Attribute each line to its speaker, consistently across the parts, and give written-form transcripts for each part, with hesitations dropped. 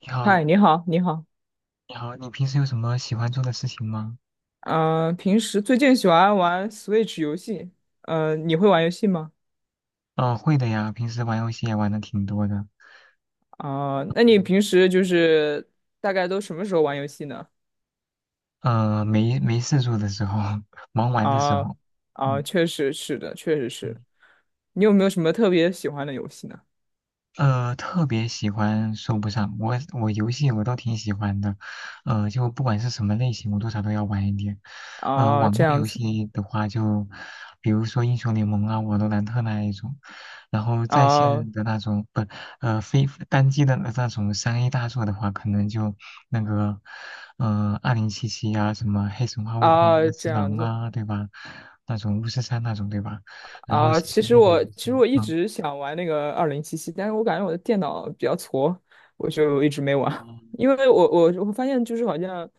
Speaker 1: 你
Speaker 2: 嗨，
Speaker 1: 好，
Speaker 2: 你好，你好。
Speaker 1: 你好，你平时有什么喜欢做的事情吗？
Speaker 2: 嗯、平时最近喜欢玩 Switch 游戏。你会玩游戏吗？
Speaker 1: 嗯、会的呀，平时玩游戏也玩的挺多的。
Speaker 2: 啊、那你平时就是大概都什么时候玩游戏呢？
Speaker 1: 没事做的时候，忙完的时
Speaker 2: 啊、
Speaker 1: 候。嗯
Speaker 2: 啊、确实是的，确实
Speaker 1: 嗯。
Speaker 2: 是。你有没有什么特别喜欢的游戏呢？
Speaker 1: 特别喜欢说不上，我游戏我倒挺喜欢的，就不管是什么类型，我多少都要玩一点。
Speaker 2: 啊、
Speaker 1: 网络
Speaker 2: 这样
Speaker 1: 游
Speaker 2: 子，
Speaker 1: 戏的话就，比如说英雄联盟啊、瓦罗兰特那一种，然后在
Speaker 2: 啊、
Speaker 1: 线的那种不，非单机的那种3A 大作的话，可能就那个，2077啊，什么黑神话悟空
Speaker 2: 啊、
Speaker 1: 啊、
Speaker 2: 这
Speaker 1: 只
Speaker 2: 样
Speaker 1: 狼
Speaker 2: 子。
Speaker 1: 啊，对吧？那种巫师3那种，对吧？然后
Speaker 2: 啊，
Speaker 1: 新
Speaker 2: 其
Speaker 1: 鲜
Speaker 2: 实
Speaker 1: 类的
Speaker 2: 我
Speaker 1: 游
Speaker 2: 其实
Speaker 1: 戏，
Speaker 2: 我一
Speaker 1: 啊。
Speaker 2: 直想玩那个二零七七，但是我感觉我的电脑比较矬，我就一直没玩。
Speaker 1: 哦。
Speaker 2: 因为我发现就是好像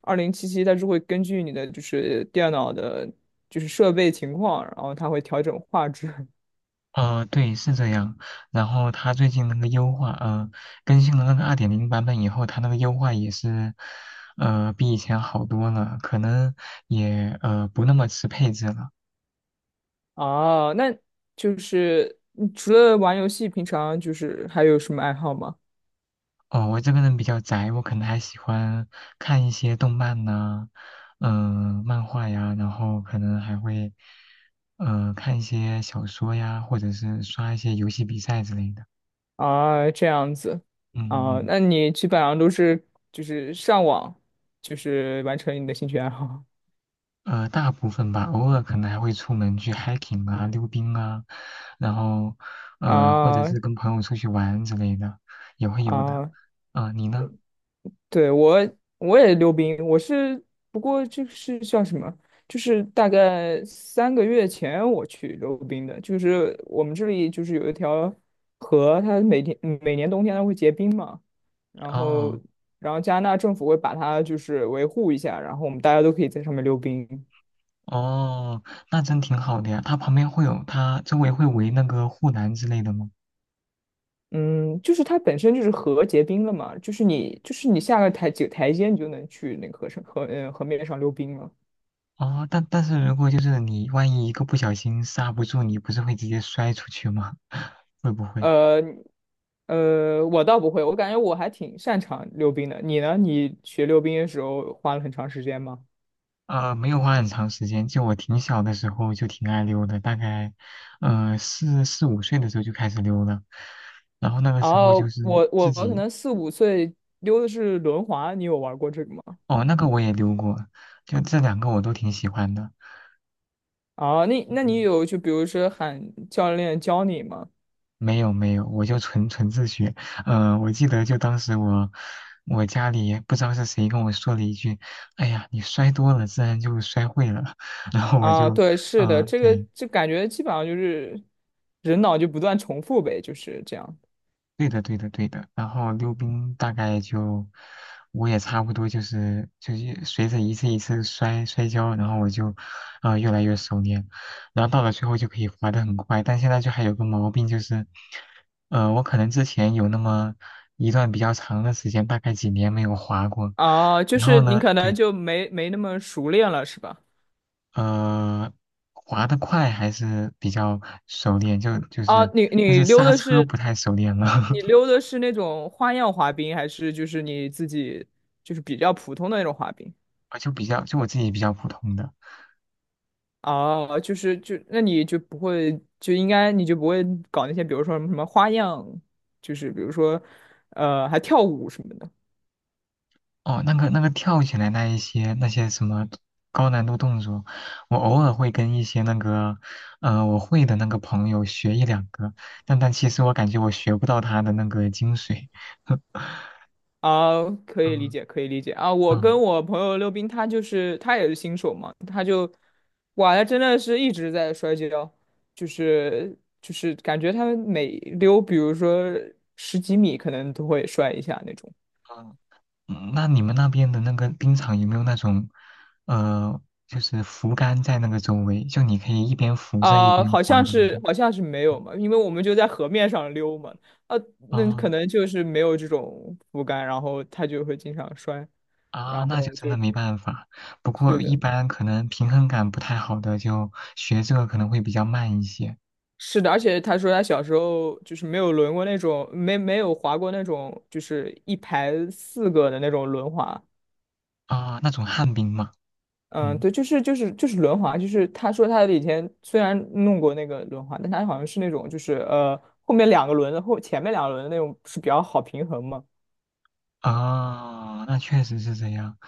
Speaker 2: 二零七七它是会根据你的就是电脑的，就是设备情况，然后它会调整画质。
Speaker 1: 对，是这样。然后它最近那个优化，更新了那个2.0版本以后，它那个优化也是，比以前好多了，可能也不那么吃配置了。
Speaker 2: 啊。那就是你除了玩游戏，平常就是还有什么爱好吗？
Speaker 1: 哦，我这个人比较宅，我可能还喜欢看一些动漫呐、漫画呀，然后可能还会，看一些小说呀，或者是刷一些游戏比赛之类的。
Speaker 2: 啊，这样子
Speaker 1: 嗯嗯
Speaker 2: 啊，
Speaker 1: 嗯。
Speaker 2: 那你基本上都是就是上网，就是完成你的兴趣爱好。
Speaker 1: 大部分吧，偶尔可能还会出门去 hiking 啊、溜冰啊，然后 或者
Speaker 2: 啊，
Speaker 1: 是跟朋友出去玩之类的，也会有的。
Speaker 2: 啊，
Speaker 1: 啊、你呢？
Speaker 2: 对，我也溜冰，我是不过就是叫什么？就是大概3个月前我去溜冰的，就是我们这里就是有一条河，它每年冬天它会结冰嘛，然后
Speaker 1: 哦。
Speaker 2: 然后加拿大政府会把它就是维护一下，然后我们大家都可以在上面溜冰。
Speaker 1: 哦，那真挺好的呀。它旁边会有，它周围会围那个护栏之类的吗？
Speaker 2: 嗯，就是它本身就是河结冰了嘛，就是你下个台几个台阶你就能去那个河面上溜冰了。
Speaker 1: 哦，但是如果就是你万一一个不小心刹不住，你不是会直接摔出去吗？会不会？
Speaker 2: 呃我倒不会，我感觉我还挺擅长溜冰的。你呢？你学溜冰的时候花了很长时间吗？
Speaker 1: 没有花很长时间，就我挺小的时候就挺爱溜的，大概，四五岁的时候就开始溜了，然后那个
Speaker 2: 然
Speaker 1: 时候就
Speaker 2: 后
Speaker 1: 是
Speaker 2: 我
Speaker 1: 自
Speaker 2: 我可
Speaker 1: 己。
Speaker 2: 能4、5岁溜的是轮滑，你有玩过这个吗？
Speaker 1: 哦，那个我也溜过，就这两个我都挺喜欢的。
Speaker 2: 啊，那你
Speaker 1: 嗯，
Speaker 2: 有就比如说喊教练教你吗？
Speaker 1: 没有没有，我就纯纯自学。我记得就当时我家里不知道是谁跟我说了一句：“哎呀，你摔多了，自然就摔会了。”然后我
Speaker 2: 啊，
Speaker 1: 就。
Speaker 2: 对，是的，
Speaker 1: 嗯、
Speaker 2: 这个
Speaker 1: 对，
Speaker 2: 就感觉基本上就是人脑就不断重复呗，就是这样。
Speaker 1: 对的，对的，对的。然后溜冰大概就，我也差不多就是随着一次一次摔摔跤，然后我就，越来越熟练，然后到了最后就可以滑得很快。但现在就还有个毛病就是，我可能之前有那么一段比较长的时间，大概几年没有滑过，
Speaker 2: 啊，就
Speaker 1: 然后
Speaker 2: 是你
Speaker 1: 呢，
Speaker 2: 可能
Speaker 1: 对。
Speaker 2: 就没那么熟练了，是吧？
Speaker 1: 呃，滑得快还是比较熟练，就就
Speaker 2: 啊，
Speaker 1: 是，
Speaker 2: 你
Speaker 1: 但是
Speaker 2: 你溜
Speaker 1: 刹
Speaker 2: 的
Speaker 1: 车
Speaker 2: 是
Speaker 1: 不太熟练了。
Speaker 2: 那种花样滑冰，还是就是你自己就是比较普通的那种滑冰？
Speaker 1: 我就比较就我自己比较普通的。
Speaker 2: 哦，就是那你就不会就应该你就不会搞那些，比如说什么什么花样，就是比如说还跳舞什么的
Speaker 1: 哦，那个跳起来那一些那些什么高难度动作，我偶尔会跟一些那个，我会的那个朋友学一两个，但其实我感觉我学不到他的那个精髓。
Speaker 2: 啊，可以理
Speaker 1: 嗯
Speaker 2: 解，可以理解啊。我
Speaker 1: 嗯。
Speaker 2: 跟我朋友溜冰，他就是他也是新手嘛，哇，他真的是一直在摔跤，就是就是感觉他们每溜，比如说十几米，可能都会摔一下那种。
Speaker 1: 嗯，那你们那边的那个冰场有没有那种，呃，就是扶杆在那个周围，就你可以一边扶着一边
Speaker 2: 好
Speaker 1: 滑
Speaker 2: 像
Speaker 1: 的那
Speaker 2: 是
Speaker 1: 种？
Speaker 2: 好像是没有
Speaker 1: 嗯。
Speaker 2: 嘛，因为我们就在河面上溜嘛，啊，那可
Speaker 1: 哦。
Speaker 2: 能就是没有这种扶杆，然后他就会经常摔，
Speaker 1: 啊，
Speaker 2: 然
Speaker 1: 那就
Speaker 2: 后
Speaker 1: 真
Speaker 2: 就
Speaker 1: 的没办法。不
Speaker 2: 是
Speaker 1: 过一
Speaker 2: 的，
Speaker 1: 般可能平衡感不太好的，就学这个可能会比较慢一些。
Speaker 2: 是的，而且他说他小时候就是没有轮过那种，没有滑过那种，就是一排四个的那种轮滑。
Speaker 1: 啊。那种旱冰嘛。
Speaker 2: 嗯，
Speaker 1: 嗯。
Speaker 2: 对，就是轮滑，就是他说他以前虽然弄过那个轮滑，但他好像是那种就是后面两个轮的前面两个轮的那种是比较好平衡嘛？
Speaker 1: 啊，那确实是这样。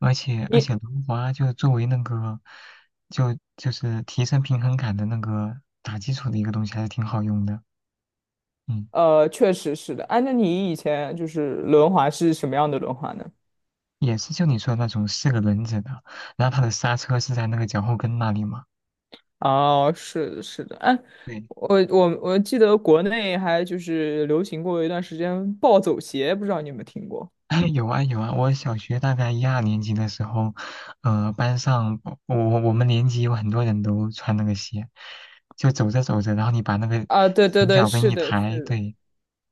Speaker 1: 而且而
Speaker 2: 你
Speaker 1: 且轮滑就作为那个，就是提升平衡感的那个打基础的一个东西，还是挺好用的。嗯。
Speaker 2: 确实是的，哎，那你以前就是轮滑是什么样的轮滑呢？
Speaker 1: 也是就你说的那种四个轮子的，然后它的刹车是在那个脚后跟那里嘛。
Speaker 2: 哦，是的是的，哎，
Speaker 1: 对。
Speaker 2: 我记得国内还就是流行过一段时间暴走鞋，不知道你有没有听过？
Speaker 1: 哎，有啊有啊，我小学大概一二年级的时候，班上我们年级有很多人都穿那个鞋，就走着走着，然后你把那个
Speaker 2: 啊，对对
Speaker 1: 前
Speaker 2: 对，
Speaker 1: 脚跟
Speaker 2: 是
Speaker 1: 一
Speaker 2: 的，
Speaker 1: 抬，
Speaker 2: 是的，
Speaker 1: 对，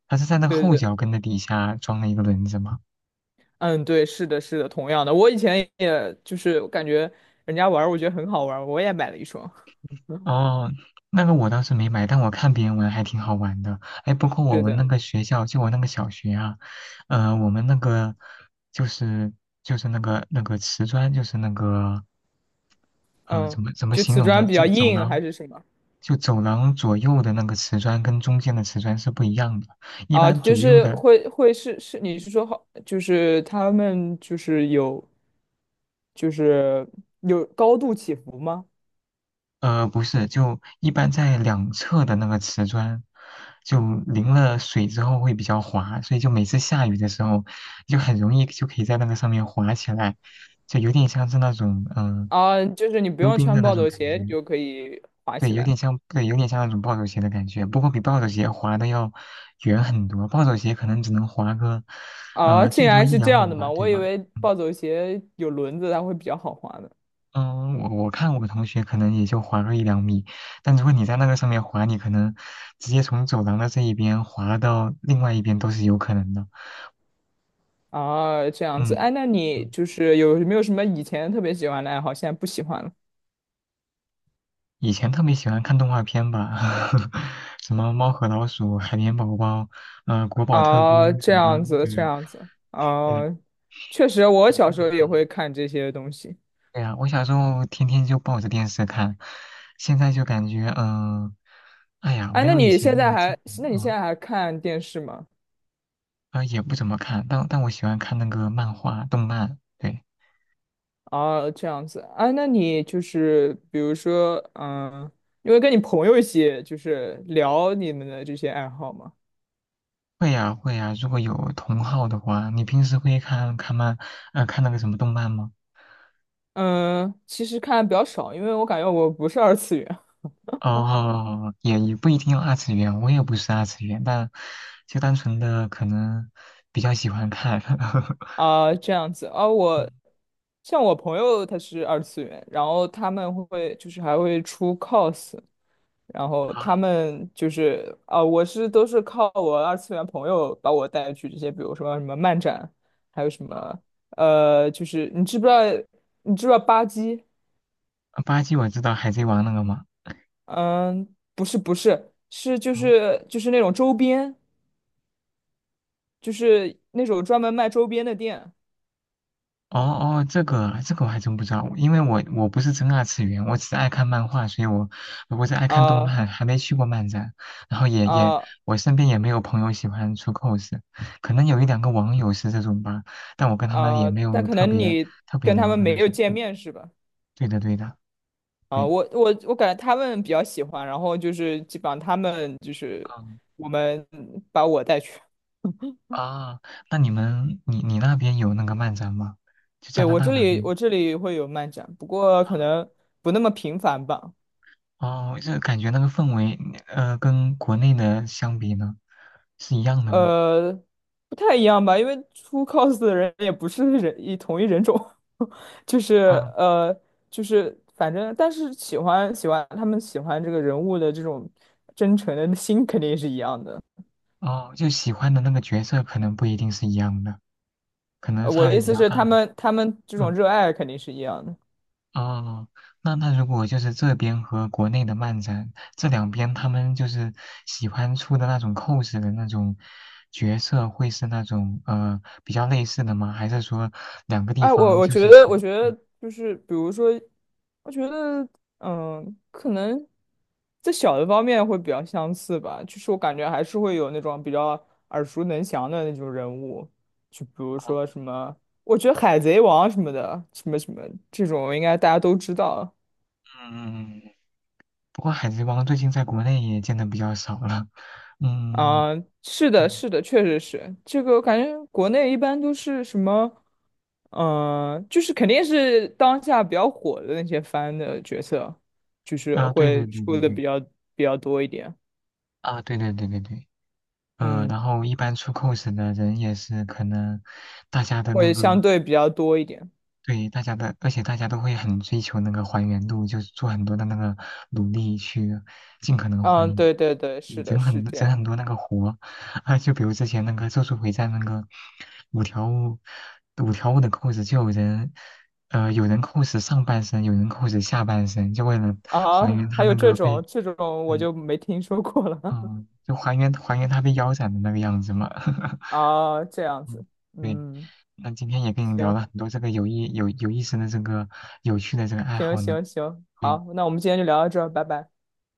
Speaker 1: 它是在那个
Speaker 2: 对
Speaker 1: 后
Speaker 2: 对。
Speaker 1: 脚跟的底下装了一个轮子嘛。
Speaker 2: 嗯，对，是的，是的，同样的，我以前也就是我感觉人家玩儿，我觉得很好玩儿，我也买了一双。
Speaker 1: 哦，那个我倒是没买，但我看别人玩还挺好玩的。哎，包括 我
Speaker 2: 对
Speaker 1: 们那
Speaker 2: 的，
Speaker 1: 个学校，就我那个小学啊，我们那个就是那个瓷砖，就是那个
Speaker 2: 嗯，
Speaker 1: 怎么
Speaker 2: 就
Speaker 1: 形
Speaker 2: 瓷
Speaker 1: 容呢？
Speaker 2: 砖比较
Speaker 1: 走
Speaker 2: 硬
Speaker 1: 廊。
Speaker 2: 还是什么
Speaker 1: 就走廊左右的那个瓷砖跟中间的瓷砖是不一样的。一
Speaker 2: 啊？
Speaker 1: 般
Speaker 2: 就
Speaker 1: 左右
Speaker 2: 是
Speaker 1: 的，
Speaker 2: 会是，你是说好，就是他们就是有就是有高度起伏吗？
Speaker 1: 不是，就一般在两侧的那个瓷砖，就淋了水之后会比较滑，所以就每次下雨的时候，就很容易就可以在那个上面滑起来，就有点像是那种
Speaker 2: 啊，就是你不
Speaker 1: 溜
Speaker 2: 用
Speaker 1: 冰
Speaker 2: 穿
Speaker 1: 的那
Speaker 2: 暴
Speaker 1: 种
Speaker 2: 走
Speaker 1: 感
Speaker 2: 鞋，你
Speaker 1: 觉。
Speaker 2: 就可以滑
Speaker 1: 对，
Speaker 2: 起
Speaker 1: 有
Speaker 2: 来。
Speaker 1: 点像，对，有点像那种暴走鞋的感觉，不过比暴走鞋滑的要远很多。暴走鞋可能只能滑个，
Speaker 2: 啊，竟
Speaker 1: 最多
Speaker 2: 然
Speaker 1: 一
Speaker 2: 是这
Speaker 1: 两
Speaker 2: 样
Speaker 1: 米
Speaker 2: 的
Speaker 1: 吧，
Speaker 2: 吗？
Speaker 1: 对
Speaker 2: 我以
Speaker 1: 吧？
Speaker 2: 为
Speaker 1: 嗯。
Speaker 2: 暴走鞋有轮子，它会比较好滑呢。
Speaker 1: 嗯，我看我同学可能也就滑个一两米，但如果你在那个上面滑，你可能直接从走廊的这一边滑到另外一边都是有可能的。
Speaker 2: 啊，这样子，
Speaker 1: 嗯。
Speaker 2: 哎，那你
Speaker 1: 嗯，
Speaker 2: 就是有没有什么以前特别喜欢的爱好，现在不喜欢了？
Speaker 1: 以前特别喜欢看动画片吧，什么《猫和老鼠》《海绵宝宝》《国宝特工》
Speaker 2: 啊，
Speaker 1: 什
Speaker 2: 这
Speaker 1: 么，
Speaker 2: 样子，
Speaker 1: 对
Speaker 2: 这
Speaker 1: 呀、
Speaker 2: 样子，
Speaker 1: 对呀、
Speaker 2: 啊，确实，我小时候也会
Speaker 1: 嗯，
Speaker 2: 看这些东西。
Speaker 1: 对呀、我小时候天天就抱着电视看，现在就感觉哎呀，
Speaker 2: 哎，
Speaker 1: 没
Speaker 2: 那
Speaker 1: 有以
Speaker 2: 你
Speaker 1: 前
Speaker 2: 现
Speaker 1: 那
Speaker 2: 在
Speaker 1: 么近。
Speaker 2: 还，那你现
Speaker 1: 嗯。
Speaker 2: 在还看电视吗？
Speaker 1: 啊，也不怎么看，但我喜欢看那个漫画、动漫。对，
Speaker 2: 啊，这样子，哎，那你就是比如说，嗯，因为跟你朋友一起就是聊你们的这些爱好吗？
Speaker 1: 会呀、会呀、如果有同好的话，你平时会看看漫，看那个什么动漫吗？
Speaker 2: 嗯，其实看的比较少，因为我感觉我不是二次元。
Speaker 1: 哦，也不一定要二次元，我也不是二次元，但就单纯的可能比较喜欢看。
Speaker 2: 啊，这样子啊，
Speaker 1: 嗯。
Speaker 2: 像我朋友他是二次元，然后他们会就是还会出 cos，然后他们就是啊，我是都是靠我二次元朋友把我带去这些，比如说什么漫展，还有什么就是你知不知道吧唧？
Speaker 1: 啊，巴基我知道《海贼王》那个嘛。
Speaker 2: 嗯，不是不是，是就是那种周边，就是那种专门卖周边的店
Speaker 1: 哦哦，这个我还真不知道，因为我不是真二次元，我只是爱看漫画，所以我我是爱看动
Speaker 2: 啊
Speaker 1: 漫，还没去过漫展，然后
Speaker 2: 啊。
Speaker 1: 我身边也没有朋友喜欢出 cos，可能有一两个网友是这种吧，但我跟他们也没
Speaker 2: 但
Speaker 1: 有
Speaker 2: 可
Speaker 1: 特
Speaker 2: 能
Speaker 1: 别
Speaker 2: 你
Speaker 1: 特别
Speaker 2: 跟他
Speaker 1: 聊
Speaker 2: 们
Speaker 1: 的
Speaker 2: 没
Speaker 1: 那
Speaker 2: 有
Speaker 1: 种。
Speaker 2: 见面是吧？
Speaker 1: 对的对的，
Speaker 2: 啊、
Speaker 1: 对。
Speaker 2: 我感觉他们比较喜欢，然后就是基本上他们就是
Speaker 1: 嗯。
Speaker 2: 我们把我带去。
Speaker 1: 啊，那你们你你那边有那个漫展吗？就加
Speaker 2: 对，
Speaker 1: 拿
Speaker 2: 我
Speaker 1: 大
Speaker 2: 这
Speaker 1: 那
Speaker 2: 里
Speaker 1: 边。
Speaker 2: 我这里会有漫展，不过可
Speaker 1: 啊？
Speaker 2: 能不那么频繁吧。
Speaker 1: 哦，这感觉那个氛围跟国内的相比呢，是一样的吗？
Speaker 2: 呃，不太一样吧，因为出 cos 的人也不是人一同一人种，就是
Speaker 1: 啊。
Speaker 2: 呃就是反正，但是喜欢喜欢他们喜欢这个人物的这种真诚的心肯定是一样的。
Speaker 1: 哦，就喜欢的那个角色可能不一定是一样的，可能
Speaker 2: 我
Speaker 1: 差
Speaker 2: 的
Speaker 1: 别
Speaker 2: 意
Speaker 1: 比
Speaker 2: 思
Speaker 1: 较
Speaker 2: 是，
Speaker 1: 大
Speaker 2: 他
Speaker 1: 嘛。
Speaker 2: 们他们这种
Speaker 1: 嗯。
Speaker 2: 热爱肯定是一样的。
Speaker 1: 哦，那如果就是这边和国内的漫展这两边，他们就是喜欢出的那种 cos 的那种角色，会是那种比较类似的吗？还是说两个地
Speaker 2: 哎，
Speaker 1: 方
Speaker 2: 我
Speaker 1: 就
Speaker 2: 觉
Speaker 1: 是
Speaker 2: 得，
Speaker 1: 喜
Speaker 2: 我
Speaker 1: 欢？
Speaker 2: 觉得就是，比如说，我觉得，嗯，可能在小的方面会比较相似吧。就是我感觉还是会有那种比较耳熟能详的那种人物，就比如
Speaker 1: 哦。
Speaker 2: 说什么，我觉得《海贼王》什么的，什么什么这种，应该大家都知道。
Speaker 1: 嗯，不过海贼王最近在国内也见的比较少了。嗯。
Speaker 2: 啊，是的，
Speaker 1: 嗯，
Speaker 2: 是的，确实是这个。我感觉国内一般都是什么，嗯，就是肯定是当下比较火的那些番的角色，就是
Speaker 1: 啊，对对
Speaker 2: 会
Speaker 1: 对
Speaker 2: 出
Speaker 1: 对
Speaker 2: 的
Speaker 1: 对。
Speaker 2: 比较多一点，
Speaker 1: 啊，对对对对对。
Speaker 2: 嗯，
Speaker 1: 然后一般出 cos 的人也是可能大家的那
Speaker 2: 会
Speaker 1: 个
Speaker 2: 相对比较多一点。
Speaker 1: 对大家的，而且大家都会很追求那个还原度，就是做很多的那个努力去尽可能还
Speaker 2: 嗯，
Speaker 1: 原，
Speaker 2: 对对对，
Speaker 1: 你
Speaker 2: 是的，
Speaker 1: 整
Speaker 2: 是
Speaker 1: 很
Speaker 2: 这
Speaker 1: 整
Speaker 2: 样
Speaker 1: 很多那个活啊，就比如之前那个《咒术回战》那个五条悟五条悟的 cos 就有人。有人 cos 上半身，有人 cos 下半身，就为了
Speaker 2: 啊。
Speaker 1: 还原他
Speaker 2: 还有
Speaker 1: 那
Speaker 2: 这
Speaker 1: 个
Speaker 2: 种
Speaker 1: 被。
Speaker 2: 这种我
Speaker 1: 对。
Speaker 2: 就没听说过了
Speaker 1: 嗯，就还原他被腰斩的那个样子嘛。
Speaker 2: 啊，这样
Speaker 1: 嗯，
Speaker 2: 子，
Speaker 1: 对，
Speaker 2: 嗯，
Speaker 1: 那今天也跟你聊
Speaker 2: 行
Speaker 1: 了很多这个有意思的这个有趣的这个爱
Speaker 2: 行
Speaker 1: 好呢。
Speaker 2: 行行，
Speaker 1: 对，
Speaker 2: 好，那我们今天就聊到这儿，拜拜。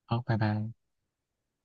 Speaker 1: 好，拜拜。